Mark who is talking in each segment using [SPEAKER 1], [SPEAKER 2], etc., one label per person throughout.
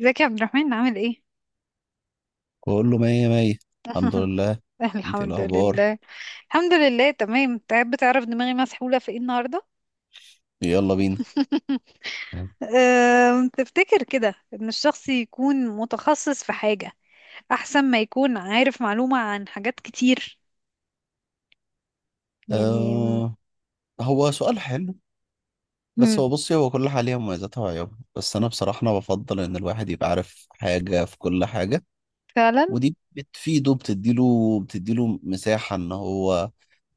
[SPEAKER 1] ازيك يا عبد الرحمن عامل ايه؟
[SPEAKER 2] كله مية مية. الحمد لله. انت ايه
[SPEAKER 1] الحمد
[SPEAKER 2] الاخبار؟
[SPEAKER 1] لله. الحمد لله تمام. تعب، تعرف دماغي مسحولة في ايه النهاردة؟
[SPEAKER 2] يلا بينا.
[SPEAKER 1] تفتكر كده ان الشخص يكون متخصص في حاجة احسن ما يكون عارف معلومة عن حاجات كتير يعني.
[SPEAKER 2] آه، هو سؤال حلو. بس
[SPEAKER 1] مم.
[SPEAKER 2] هو بصي، هو كل حاجة ليها مميزاتها وعيوبها. بس انا بصراحة انا بفضل ان الواحد يبقى عارف حاجة في كل حاجة.
[SPEAKER 1] فعلا.
[SPEAKER 2] ودي بتفيده، بتديله مساحة ان هو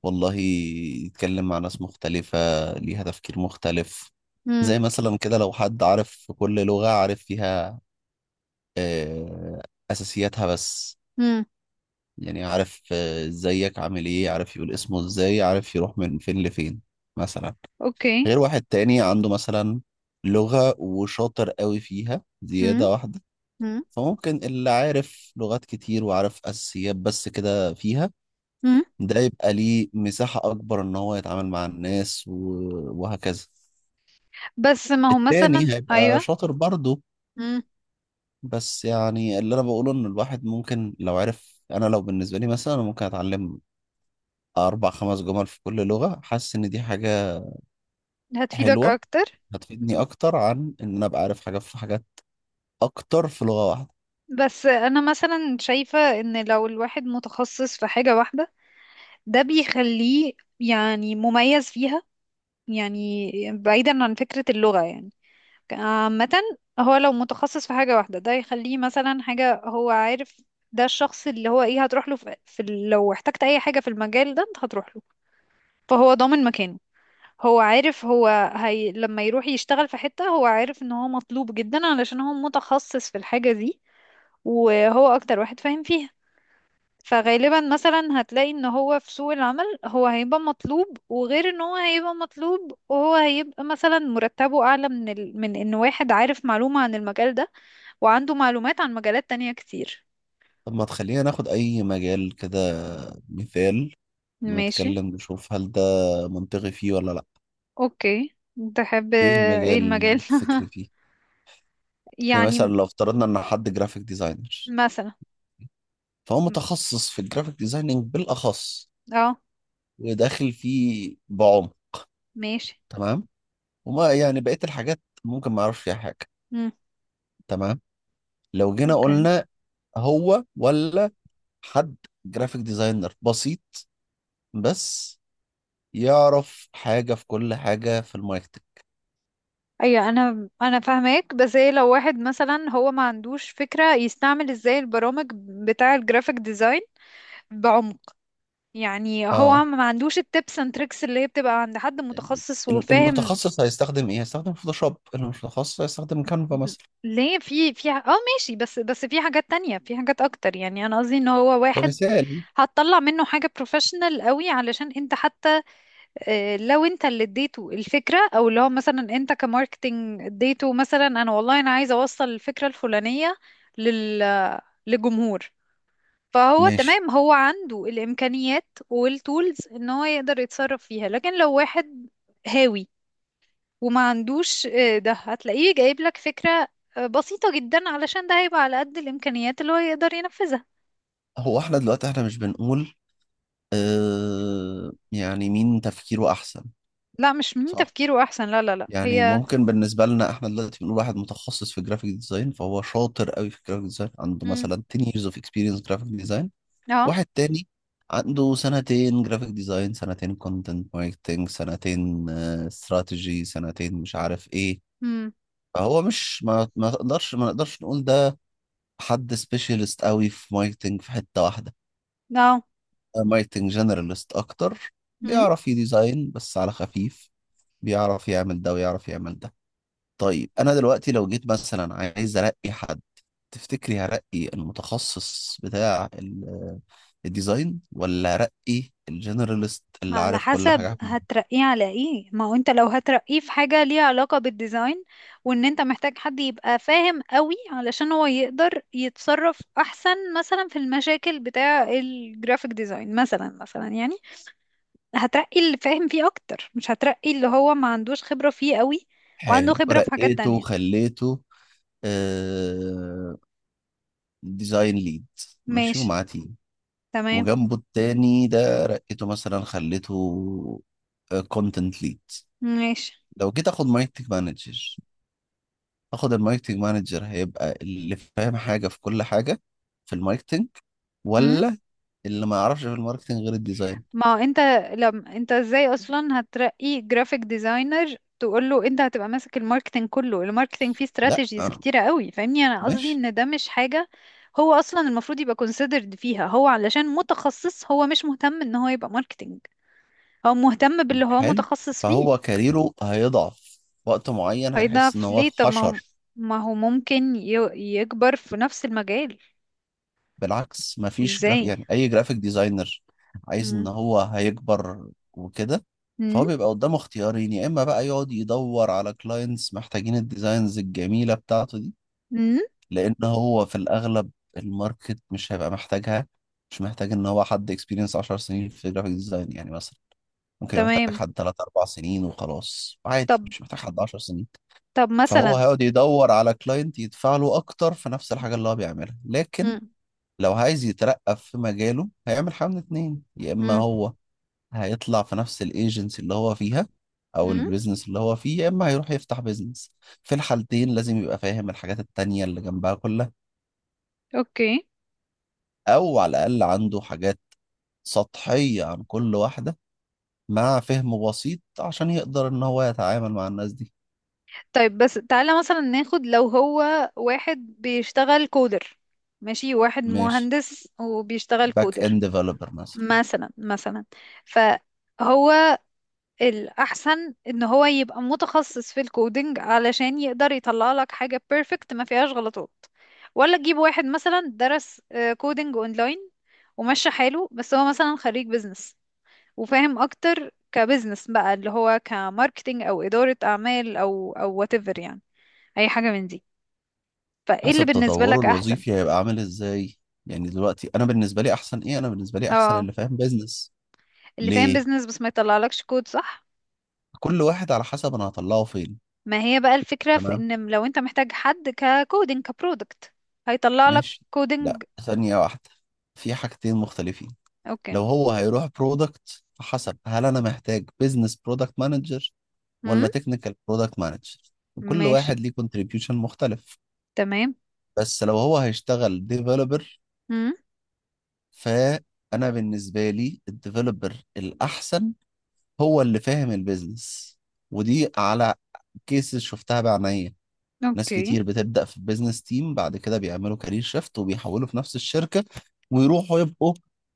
[SPEAKER 2] والله يتكلم مع ناس مختلفة ليها تفكير مختلف.
[SPEAKER 1] مم.
[SPEAKER 2] زي مثلا كده لو حد عارف في كل لغة، عارف فيها آه اساسياتها بس.
[SPEAKER 1] مم.
[SPEAKER 2] يعني عارف، ازيك عامل ايه، عارف يقول اسمه ازاي، عارف يروح من فين لفين مثلا.
[SPEAKER 1] اوكي.
[SPEAKER 2] غير واحد تاني عنده مثلا لغة وشاطر قوي فيها
[SPEAKER 1] مم.
[SPEAKER 2] زيادة واحدة.
[SPEAKER 1] مم.
[SPEAKER 2] فممكن اللي عارف لغات كتير وعارف أساسيات بس كده فيها،
[SPEAKER 1] مم.
[SPEAKER 2] ده يبقى ليه مساحة أكبر إن هو يتعامل مع الناس وهكذا.
[SPEAKER 1] بس ما هو مثلا
[SPEAKER 2] التاني هيبقى
[SPEAKER 1] ايوه.
[SPEAKER 2] شاطر برضه.
[SPEAKER 1] مم.
[SPEAKER 2] بس يعني اللي أنا بقوله إن الواحد ممكن لو عرف، أنا لو بالنسبة لي مثلا أنا ممكن أتعلم 4 5 جمل في كل لغة حاسس إن دي حاجة
[SPEAKER 1] هتفيدك
[SPEAKER 2] حلوة،
[SPEAKER 1] اكتر.
[SPEAKER 2] هتفيدني
[SPEAKER 1] مم.
[SPEAKER 2] أكتر عن إن أنا أبقى عارف حاجة في حاجات أكتر في لغة واحدة.
[SPEAKER 1] بس انا مثلا شايفة ان لو الواحد متخصص في حاجة واحدة ده بيخليه يعني مميز فيها، يعني بعيدا عن فكرة اللغة يعني عامة. هو لو متخصص في حاجة واحدة ده يخليه مثلا حاجة هو عارف. ده الشخص اللي هو ايه، هتروح له في لو احتجت اي حاجة في المجال ده انت هتروح له. فهو ضامن مكانه. هو عارف، هو هي لما يروح يشتغل في حتة هو عارف ان هو مطلوب جدا علشان هو متخصص في الحاجة دي وهو اكتر واحد فاهم فيها. فغالبا مثلا هتلاقي ان هو في سوق العمل هو هيبقى مطلوب، وغير ان هو هيبقى مطلوب وهو هيبقى مثلا مرتبه اعلى من من ان واحد عارف معلومة عن المجال ده وعنده معلومات عن مجالات تانية كتير.
[SPEAKER 2] طب ما تخلينا ناخد أي مجال كده مثال
[SPEAKER 1] ماشي.
[SPEAKER 2] ونتكلم نشوف هل ده منطقي فيه ولا لأ.
[SPEAKER 1] اوكي. تحب.
[SPEAKER 2] إيه
[SPEAKER 1] ايه
[SPEAKER 2] المجال
[SPEAKER 1] المجال؟
[SPEAKER 2] اللي تفكري فيه؟ يعني مثلا
[SPEAKER 1] يعني
[SPEAKER 2] لو افترضنا إن حد جرافيك ديزاينر،
[SPEAKER 1] مثلا.
[SPEAKER 2] فهو متخصص في الجرافيك ديزايننج بالأخص
[SPEAKER 1] اه
[SPEAKER 2] وداخل فيه بعمق.
[SPEAKER 1] ماشي.
[SPEAKER 2] تمام. وما يعني بقية الحاجات ممكن ما أعرفش فيها حاجة.
[SPEAKER 1] مم.
[SPEAKER 2] تمام. لو جينا
[SPEAKER 1] اوكي.
[SPEAKER 2] قلنا هو، ولا حد جرافيك ديزاينر بسيط بس يعرف حاجة في كل حاجة في الماركتنج.
[SPEAKER 1] ايوه، انا فاهماك بس ايه، لو واحد مثلا هو ما عندوش فكرة يستعمل ازاي البرامج بتاع الجرافيك ديزاين بعمق، يعني هو
[SPEAKER 2] اه،
[SPEAKER 1] ما عندوش التبس اند تريكس اللي هي بتبقى عند حد
[SPEAKER 2] يعني
[SPEAKER 1] متخصص وفاهم.
[SPEAKER 2] المتخصص هيستخدم ايه؟ هيستخدم فوتوشوب، اللي مش متخصص هيستخدم كانفا
[SPEAKER 1] ب-
[SPEAKER 2] مثلا
[SPEAKER 1] ليه في في ح- اه ماشي، بس في حاجات تانية، في حاجات اكتر. يعني انا قصدي ان هو واحد
[SPEAKER 2] كمثال.
[SPEAKER 1] هتطلع منه حاجة بروفيشنال قوي علشان انت حتى، لو انت اللي اديته الفكرة او اللي هو مثلا انت كماركتينج اديته مثلا انا والله انا عايزة اوصل الفكرة الفلانية لل لجمهور. فهو
[SPEAKER 2] ماشي.
[SPEAKER 1] تمام، هو عنده الإمكانيات والتولز ان هو يقدر يتصرف فيها. لكن لو واحد هاوي وما عندوش، ده هتلاقيه جايب لك فكرة بسيطة جدا علشان ده هيبقى على قد الإمكانيات اللي هو يقدر ينفذها.
[SPEAKER 2] هو احنا دلوقتي احنا مش بنقول يعني مين تفكيره احسن.
[SPEAKER 1] لا، مش من
[SPEAKER 2] صح،
[SPEAKER 1] تفكيره أحسن، لا لا لا
[SPEAKER 2] يعني
[SPEAKER 1] هي.
[SPEAKER 2] ممكن بالنسبة لنا احنا دلوقتي بنقول واحد متخصص في جرافيك ديزاين، فهو شاطر قوي في جرافيك ديزاين عنده
[SPEAKER 1] مم.
[SPEAKER 2] مثلا 10 years of experience graphic design.
[SPEAKER 1] اه.
[SPEAKER 2] واحد تاني عنده سنتين جرافيك ديزاين، سنتين كونتنت ماركتنج، سنتين استراتيجي، سنتين مش عارف ايه.
[SPEAKER 1] مم.
[SPEAKER 2] فهو مش، ما ما تقدرش ما نقدرش نقول ده حد سبيشالست قوي في ماركتنج في حتة واحدة.
[SPEAKER 1] اه.
[SPEAKER 2] ماركتنج جنرالست اكتر،
[SPEAKER 1] مم.
[SPEAKER 2] بيعرف يديزاين بس على خفيف، بيعرف يعمل ده ويعرف يعمل ده. طيب انا دلوقتي لو جيت مثلا عايز ارقي حد، تفتكري هرقي المتخصص بتاع الديزاين ولا رقي الجنراليست
[SPEAKER 1] ما
[SPEAKER 2] اللي
[SPEAKER 1] على
[SPEAKER 2] عارف كل حاجة
[SPEAKER 1] حسب
[SPEAKER 2] عنه؟
[SPEAKER 1] هترقيه على ايه. ما هو انت لو هترقيه في حاجة ليها علاقة بالديزاين وان انت محتاج حد يبقى فاهم قوي علشان هو يقدر يتصرف احسن مثلا في المشاكل بتاع الجرافيك ديزاين، مثلا يعني. هترقي اللي فاهم فيه اكتر، مش هترقي اللي هو ما عندوش خبرة فيه قوي وعنده
[SPEAKER 2] حلو،
[SPEAKER 1] خبرة في حاجات
[SPEAKER 2] رقيته
[SPEAKER 1] تانية.
[SPEAKER 2] وخليته آه ديزاين ليد، ماشي
[SPEAKER 1] ماشي.
[SPEAKER 2] ومعاه تيم،
[SPEAKER 1] تمام.
[SPEAKER 2] وجنبه التاني ده رقيته مثلا خليته كونتنت ليد.
[SPEAKER 1] ماشي.
[SPEAKER 2] لو جيت اخد ماركتنج مانجر، اخد الماركتنج مانجر هيبقى اللي فاهم حاجة في كل حاجة في الماركتنج، ولا اللي ما يعرفش في الماركتنج غير الديزاين؟
[SPEAKER 1] ما هو انت، لم انت ازاي اصلا هترقي جرافيك ديزاينر تقول له انت هتبقى ماسك الماركتنج كله؟ الماركتنج فيه
[SPEAKER 2] لا
[SPEAKER 1] استراتيجيز كتيرة قوي، فاهمني. انا قصدي
[SPEAKER 2] ماشي.
[SPEAKER 1] ان ده مش حاجة هو اصلا المفروض يبقى considered فيها، هو علشان متخصص هو مش مهتم ان هو يبقى ماركتنج، هو مهتم باللي هو
[SPEAKER 2] حلو،
[SPEAKER 1] متخصص
[SPEAKER 2] فهو
[SPEAKER 1] فيه.
[SPEAKER 2] كاريره هيضعف وقت معين هيحس ان
[SPEAKER 1] هيضعف
[SPEAKER 2] هو
[SPEAKER 1] ليه؟ طب ما هو،
[SPEAKER 2] اتحشر.
[SPEAKER 1] ممكن يكبر في نفس المجال.
[SPEAKER 2] بالعكس، مفيش جراف،
[SPEAKER 1] ازاي.
[SPEAKER 2] يعني اي جرافيك ديزاينر عايز ان
[SPEAKER 1] مم.
[SPEAKER 2] هو هيكبر وكده.
[SPEAKER 1] مم.
[SPEAKER 2] فهو بيبقى قدامه اختيارين، يا اما بقى يقعد يدور على كلاينتس محتاجين الديزاينز الجميلة بتاعته دي،
[SPEAKER 1] مم.
[SPEAKER 2] لان هو في الاغلب الماركت مش هيبقى محتاجها. مش محتاج ان هو حد اكسبيرينس 10 سنين في جرافيك ديزاين يعني مثلا، ممكن يبقى محتاج
[SPEAKER 1] تمام.
[SPEAKER 2] حد 3 4 سنين وخلاص عادي،
[SPEAKER 1] طب.
[SPEAKER 2] مش محتاج حد 10 سنين. فهو
[SPEAKER 1] مثلا.
[SPEAKER 2] هيقعد يدور على كلاينت يدفع له اكتر في نفس الحاجه اللي هو بيعملها، لكن
[SPEAKER 1] مم.
[SPEAKER 2] لو عايز يترقى في مجاله هيعمل حاجه من اتنين، يا اما
[SPEAKER 1] مم.
[SPEAKER 2] هو هيطلع في نفس الايجنسي اللي هو فيها او
[SPEAKER 1] مم.
[SPEAKER 2] البيزنس اللي هو فيه، يا اما هيروح يفتح بيزنس. في الحالتين لازم يبقى فاهم الحاجات التانية اللي جنبها كلها،
[SPEAKER 1] اوكي.
[SPEAKER 2] او على الاقل عنده حاجات سطحية عن كل واحدة مع فهم بسيط عشان يقدر ان هو يتعامل مع الناس دي.
[SPEAKER 1] طيب، بس تعالى مثلا ناخد لو هو واحد بيشتغل كودر. ماشي، واحد
[SPEAKER 2] ماشي،
[SPEAKER 1] مهندس وبيشتغل
[SPEAKER 2] باك
[SPEAKER 1] كودر،
[SPEAKER 2] اند ديفلوبر مثلا،
[SPEAKER 1] مثلا. فهو الأحسن إن هو يبقى متخصص في الكودينج علشان يقدر يطلع لك حاجة بيرفكت ما فيهاش غلطات، ولا تجيب واحد مثلا درس كودينج اونلاين ومشى حاله، بس هو مثلا خريج بيزنس وفاهم اكتر كبزنس بقى اللي هو كماركتينج او ادارة اعمال او whatever يعني، اي حاجه من دي. فايه اللي
[SPEAKER 2] حسب
[SPEAKER 1] بالنسبه
[SPEAKER 2] تطوره
[SPEAKER 1] لك احسن؟
[SPEAKER 2] الوظيفي هيبقى عامل ازاي. يعني دلوقتي انا بالنسبه لي احسن ايه؟ انا بالنسبه لي احسن
[SPEAKER 1] اه،
[SPEAKER 2] اللي فاهم بيزنس.
[SPEAKER 1] اللي فاهم
[SPEAKER 2] ليه؟
[SPEAKER 1] بيزنس بس ما يطلعلكش كود، صح؟
[SPEAKER 2] كل واحد على حسب انا هطلعه فين.
[SPEAKER 1] ما هي بقى الفكره في
[SPEAKER 2] تمام
[SPEAKER 1] ان لو انت محتاج حد ككودينج كبرودكت هيطلع لك
[SPEAKER 2] ماشي. لا،
[SPEAKER 1] كودينج.
[SPEAKER 2] ثانيه واحده. في حاجتين مختلفين،
[SPEAKER 1] اوكي.
[SPEAKER 2] لو هو هيروح برودكت فحسب، هل انا محتاج بيزنس برودكت مانجر
[SPEAKER 1] امم.
[SPEAKER 2] ولا تكنيكال برودكت مانجر؟ كل
[SPEAKER 1] ماشي.
[SPEAKER 2] واحد ليه كونتريبيوشن مختلف.
[SPEAKER 1] تمام.
[SPEAKER 2] بس لو هو هيشتغل ديفلوبر،
[SPEAKER 1] امم.
[SPEAKER 2] فانا بالنسبه لي الديفلوبر الاحسن هو اللي فاهم البيزنس. ودي على كيسز شفتها بعينيا، ناس
[SPEAKER 1] اوكي.
[SPEAKER 2] كتير بتبدأ في البيزنس تيم بعد كده بيعملوا كارير شيفت وبيحولوا في نفس الشركة ويروحوا يبقوا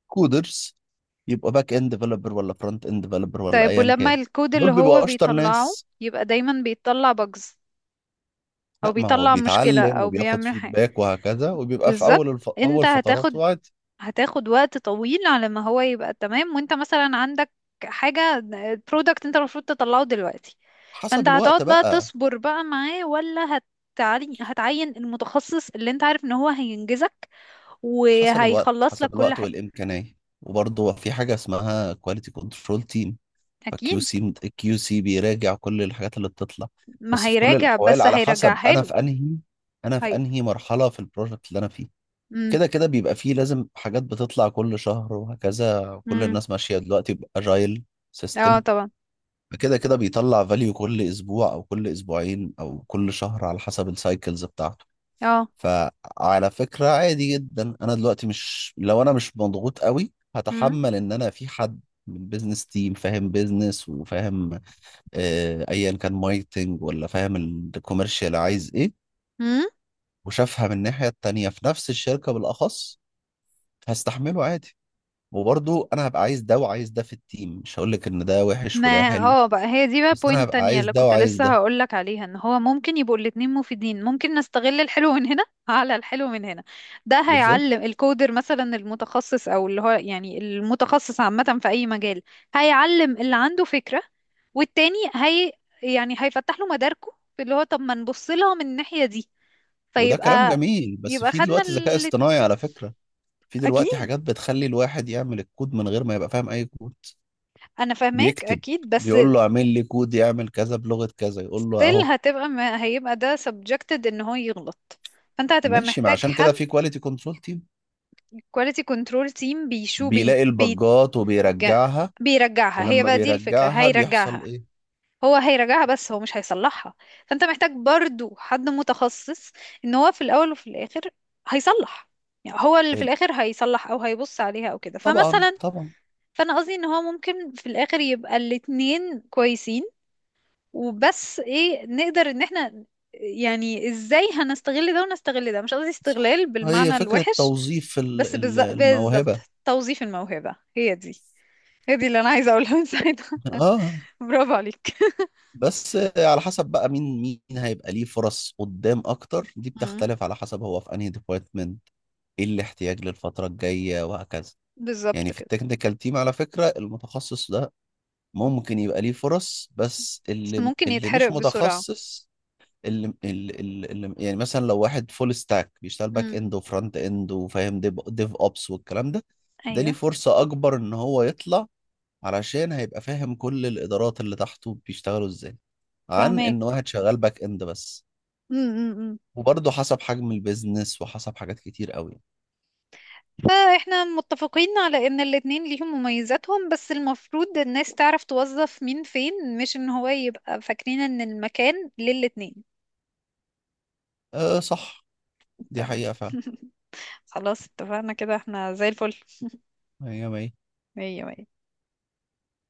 [SPEAKER 2] كودرز، يبقوا باك اند ديفلوبر ولا فرونت اند ديفلوبر ولا
[SPEAKER 1] طيب
[SPEAKER 2] ايا
[SPEAKER 1] ولما
[SPEAKER 2] كان،
[SPEAKER 1] الكود
[SPEAKER 2] دول
[SPEAKER 1] اللي هو
[SPEAKER 2] بيبقوا اشطر
[SPEAKER 1] بيطلعه
[SPEAKER 2] ناس.
[SPEAKER 1] يبقى دايما بيطلع بجز او
[SPEAKER 2] لا، ما هو
[SPEAKER 1] بيطلع مشكله
[SPEAKER 2] بيتعلم
[SPEAKER 1] او
[SPEAKER 2] وبياخد
[SPEAKER 1] بيعمل حاجه.
[SPEAKER 2] فيدباك وهكذا، وبيبقى في
[SPEAKER 1] بالظبط. انت
[SPEAKER 2] اول
[SPEAKER 1] هتاخد
[SPEAKER 2] فتراته عادي.
[SPEAKER 1] هتاخد وقت طويل على ما هو يبقى تمام، وانت مثلا عندك حاجة برودكت انت المفروض تطلعه دلوقتي.
[SPEAKER 2] حسب
[SPEAKER 1] فانت
[SPEAKER 2] الوقت
[SPEAKER 1] هتقعد بقى
[SPEAKER 2] بقى،
[SPEAKER 1] تصبر بقى معاه، ولا هتعين المتخصص اللي انت عارف ان هو هينجزك
[SPEAKER 2] حسب الوقت،
[SPEAKER 1] وهيخلص لك
[SPEAKER 2] حسب
[SPEAKER 1] كل
[SPEAKER 2] الوقت
[SPEAKER 1] حاجة؟
[SPEAKER 2] والامكانيه. وبرضه في حاجه اسمها كواليتي كنترول تيم، فكيو
[SPEAKER 1] اكيد.
[SPEAKER 2] سي كيو سي بيراجع كل الحاجات اللي بتطلع.
[SPEAKER 1] ما
[SPEAKER 2] بس في كل
[SPEAKER 1] هيراجع
[SPEAKER 2] الاحوال
[SPEAKER 1] بس
[SPEAKER 2] على حسب
[SPEAKER 1] هيرجعها
[SPEAKER 2] انا
[SPEAKER 1] له.
[SPEAKER 2] في انهي، انا في
[SPEAKER 1] هي.
[SPEAKER 2] انهي مرحله في البروجكت اللي انا فيه،
[SPEAKER 1] امم.
[SPEAKER 2] كده كده بيبقى فيه لازم حاجات بتطلع كل شهر وهكذا. كل
[SPEAKER 1] امم.
[SPEAKER 2] الناس ماشيه دلوقتي باجايل
[SPEAKER 1] اه
[SPEAKER 2] سيستم،
[SPEAKER 1] طبعا.
[SPEAKER 2] فكده كده بيطلع فاليو كل اسبوع او كل اسبوعين او كل شهر على حسب السايكلز بتاعته.
[SPEAKER 1] اه.
[SPEAKER 2] فعلى فكره عادي جدا، انا دلوقتي مش، لو انا مش مضغوط قوي هتحمل ان انا في حد من بيزنس تيم فاهم بيزنس وفاهم ايا كان ماركتنج ولا فاهم الكوميرشال عايز ايه
[SPEAKER 1] امم.
[SPEAKER 2] وشافها من الناحيه التانيه في نفس الشركه بالاخص، هستحمله عادي. وبرضه انا هبقى عايز ده وعايز ده في التيم، مش هقول لك ان ده وحش
[SPEAKER 1] ما
[SPEAKER 2] وده حلو،
[SPEAKER 1] اه بقى هي دي بقى
[SPEAKER 2] بس انا
[SPEAKER 1] بوينت
[SPEAKER 2] هبقى
[SPEAKER 1] تانية
[SPEAKER 2] عايز
[SPEAKER 1] اللي
[SPEAKER 2] ده
[SPEAKER 1] كنت
[SPEAKER 2] وعايز
[SPEAKER 1] لسه
[SPEAKER 2] ده.
[SPEAKER 1] هقولك عليها ان هو ممكن يبقوا الاتنين مفيدين. ممكن نستغل الحلو من هنا على الحلو من هنا، ده
[SPEAKER 2] بالظبط.
[SPEAKER 1] هيعلم الكودر مثلا المتخصص او اللي هو يعني المتخصص عامة في اي مجال. هيعلم اللي عنده فكرة، والتاني هي يعني هيفتح له مداركه في اللي هو، طب ما نبص لها من الناحية دي.
[SPEAKER 2] وده كلام
[SPEAKER 1] فيبقى
[SPEAKER 2] جميل، بس في
[SPEAKER 1] خدنا
[SPEAKER 2] دلوقتي ذكاء
[SPEAKER 1] الاتنين.
[SPEAKER 2] اصطناعي على فكره، في دلوقتي
[SPEAKER 1] اكيد
[SPEAKER 2] حاجات بتخلي الواحد يعمل الكود من غير ما يبقى فاهم اي كود
[SPEAKER 1] انا فاهماك،
[SPEAKER 2] بيكتب،
[SPEAKER 1] اكيد بس
[SPEAKER 2] بيقول له اعمل لي كود يعمل كذا بلغه كذا، يقول له
[SPEAKER 1] still
[SPEAKER 2] اهو.
[SPEAKER 1] هتبقى، ما هيبقى ده subjected ان هو يغلط. فانت هتبقى
[SPEAKER 2] ماشي، ما
[SPEAKER 1] محتاج
[SPEAKER 2] عشان كده
[SPEAKER 1] حد
[SPEAKER 2] في كواليتي كنترول تيم
[SPEAKER 1] quality control team. بيشو بي
[SPEAKER 2] بيلاقي
[SPEAKER 1] بي
[SPEAKER 2] البجات
[SPEAKER 1] جا-
[SPEAKER 2] وبيرجعها،
[SPEAKER 1] بيرجعها. هي
[SPEAKER 2] ولما
[SPEAKER 1] بقى دي الفكرة،
[SPEAKER 2] بيرجعها بيحصل
[SPEAKER 1] هيرجعها.
[SPEAKER 2] ايه؟
[SPEAKER 1] هو هيرجعها بس هو مش هيصلحها. فانت محتاج برضو حد متخصص ان هو في الاول وفي الاخر هيصلح. يعني هو اللي في
[SPEAKER 2] ال-
[SPEAKER 1] الاخر هيصلح او هيبص عليها او كده،
[SPEAKER 2] طبعا
[SPEAKER 1] فمثلا
[SPEAKER 2] طبعا.
[SPEAKER 1] فانا قصدي ان هو ممكن في الاخر يبقى الاتنين كويسين. وبس ايه نقدر ان احنا يعني ازاي هنستغل ده ونستغل ده، مش قصدي
[SPEAKER 2] صح،
[SPEAKER 1] استغلال
[SPEAKER 2] هي
[SPEAKER 1] بالمعنى
[SPEAKER 2] فكرة
[SPEAKER 1] الوحش.
[SPEAKER 2] توظيف
[SPEAKER 1] بالظبط.
[SPEAKER 2] الموهبة.
[SPEAKER 1] توظيف الموهبة، هي دي، هي دي اللي انا عايزة اقولها من ساعتها.
[SPEAKER 2] اه.
[SPEAKER 1] برافو عليك.
[SPEAKER 2] بس على حسب بقى مين مين هيبقى ليه فرص قدام اكتر، دي
[SPEAKER 1] مم.
[SPEAKER 2] بتختلف على حسب هو في انهي ديبارتمنت، ايه الاحتياج للفترة الجاية وهكذا. يعني
[SPEAKER 1] بالظبط
[SPEAKER 2] في
[SPEAKER 1] كده.
[SPEAKER 2] التكنيكال تيم على فكرة المتخصص ده ممكن يبقى ليه فرص، بس
[SPEAKER 1] بس
[SPEAKER 2] اللي
[SPEAKER 1] ممكن
[SPEAKER 2] اللي
[SPEAKER 1] يتحرق
[SPEAKER 2] مش
[SPEAKER 1] بسرعة.
[SPEAKER 2] متخصص، يعني مثلا لو واحد فول ستاك بيشتغل باك
[SPEAKER 1] مم.
[SPEAKER 2] اند وفرونت اند وفاهم ديف اوبس والكلام ده، ده ليه
[SPEAKER 1] ايوه.
[SPEAKER 2] فرصة اكبر ان هو يطلع علشان هيبقى فاهم كل الادارات اللي تحته بيشتغلوا ازاي، عن
[SPEAKER 1] فهمك.
[SPEAKER 2] ان واحد شغال باك اند بس.
[SPEAKER 1] امم.
[SPEAKER 2] وبرضه حسب حجم البيزنس وحسب حاجات كتير قوي.
[SPEAKER 1] فاحنا متفقين على ان الاتنين ليهم مميزاتهم، بس المفروض الناس تعرف توظف مين فين، مش ان هو يبقى فاكرين ان المكان للاتنين.
[SPEAKER 2] أه صح، دي
[SPEAKER 1] تمام.
[SPEAKER 2] حقيقة فعلا.
[SPEAKER 1] خلاص اتفقنا كده، احنا زي الفل.
[SPEAKER 2] مية مية.
[SPEAKER 1] مية مية.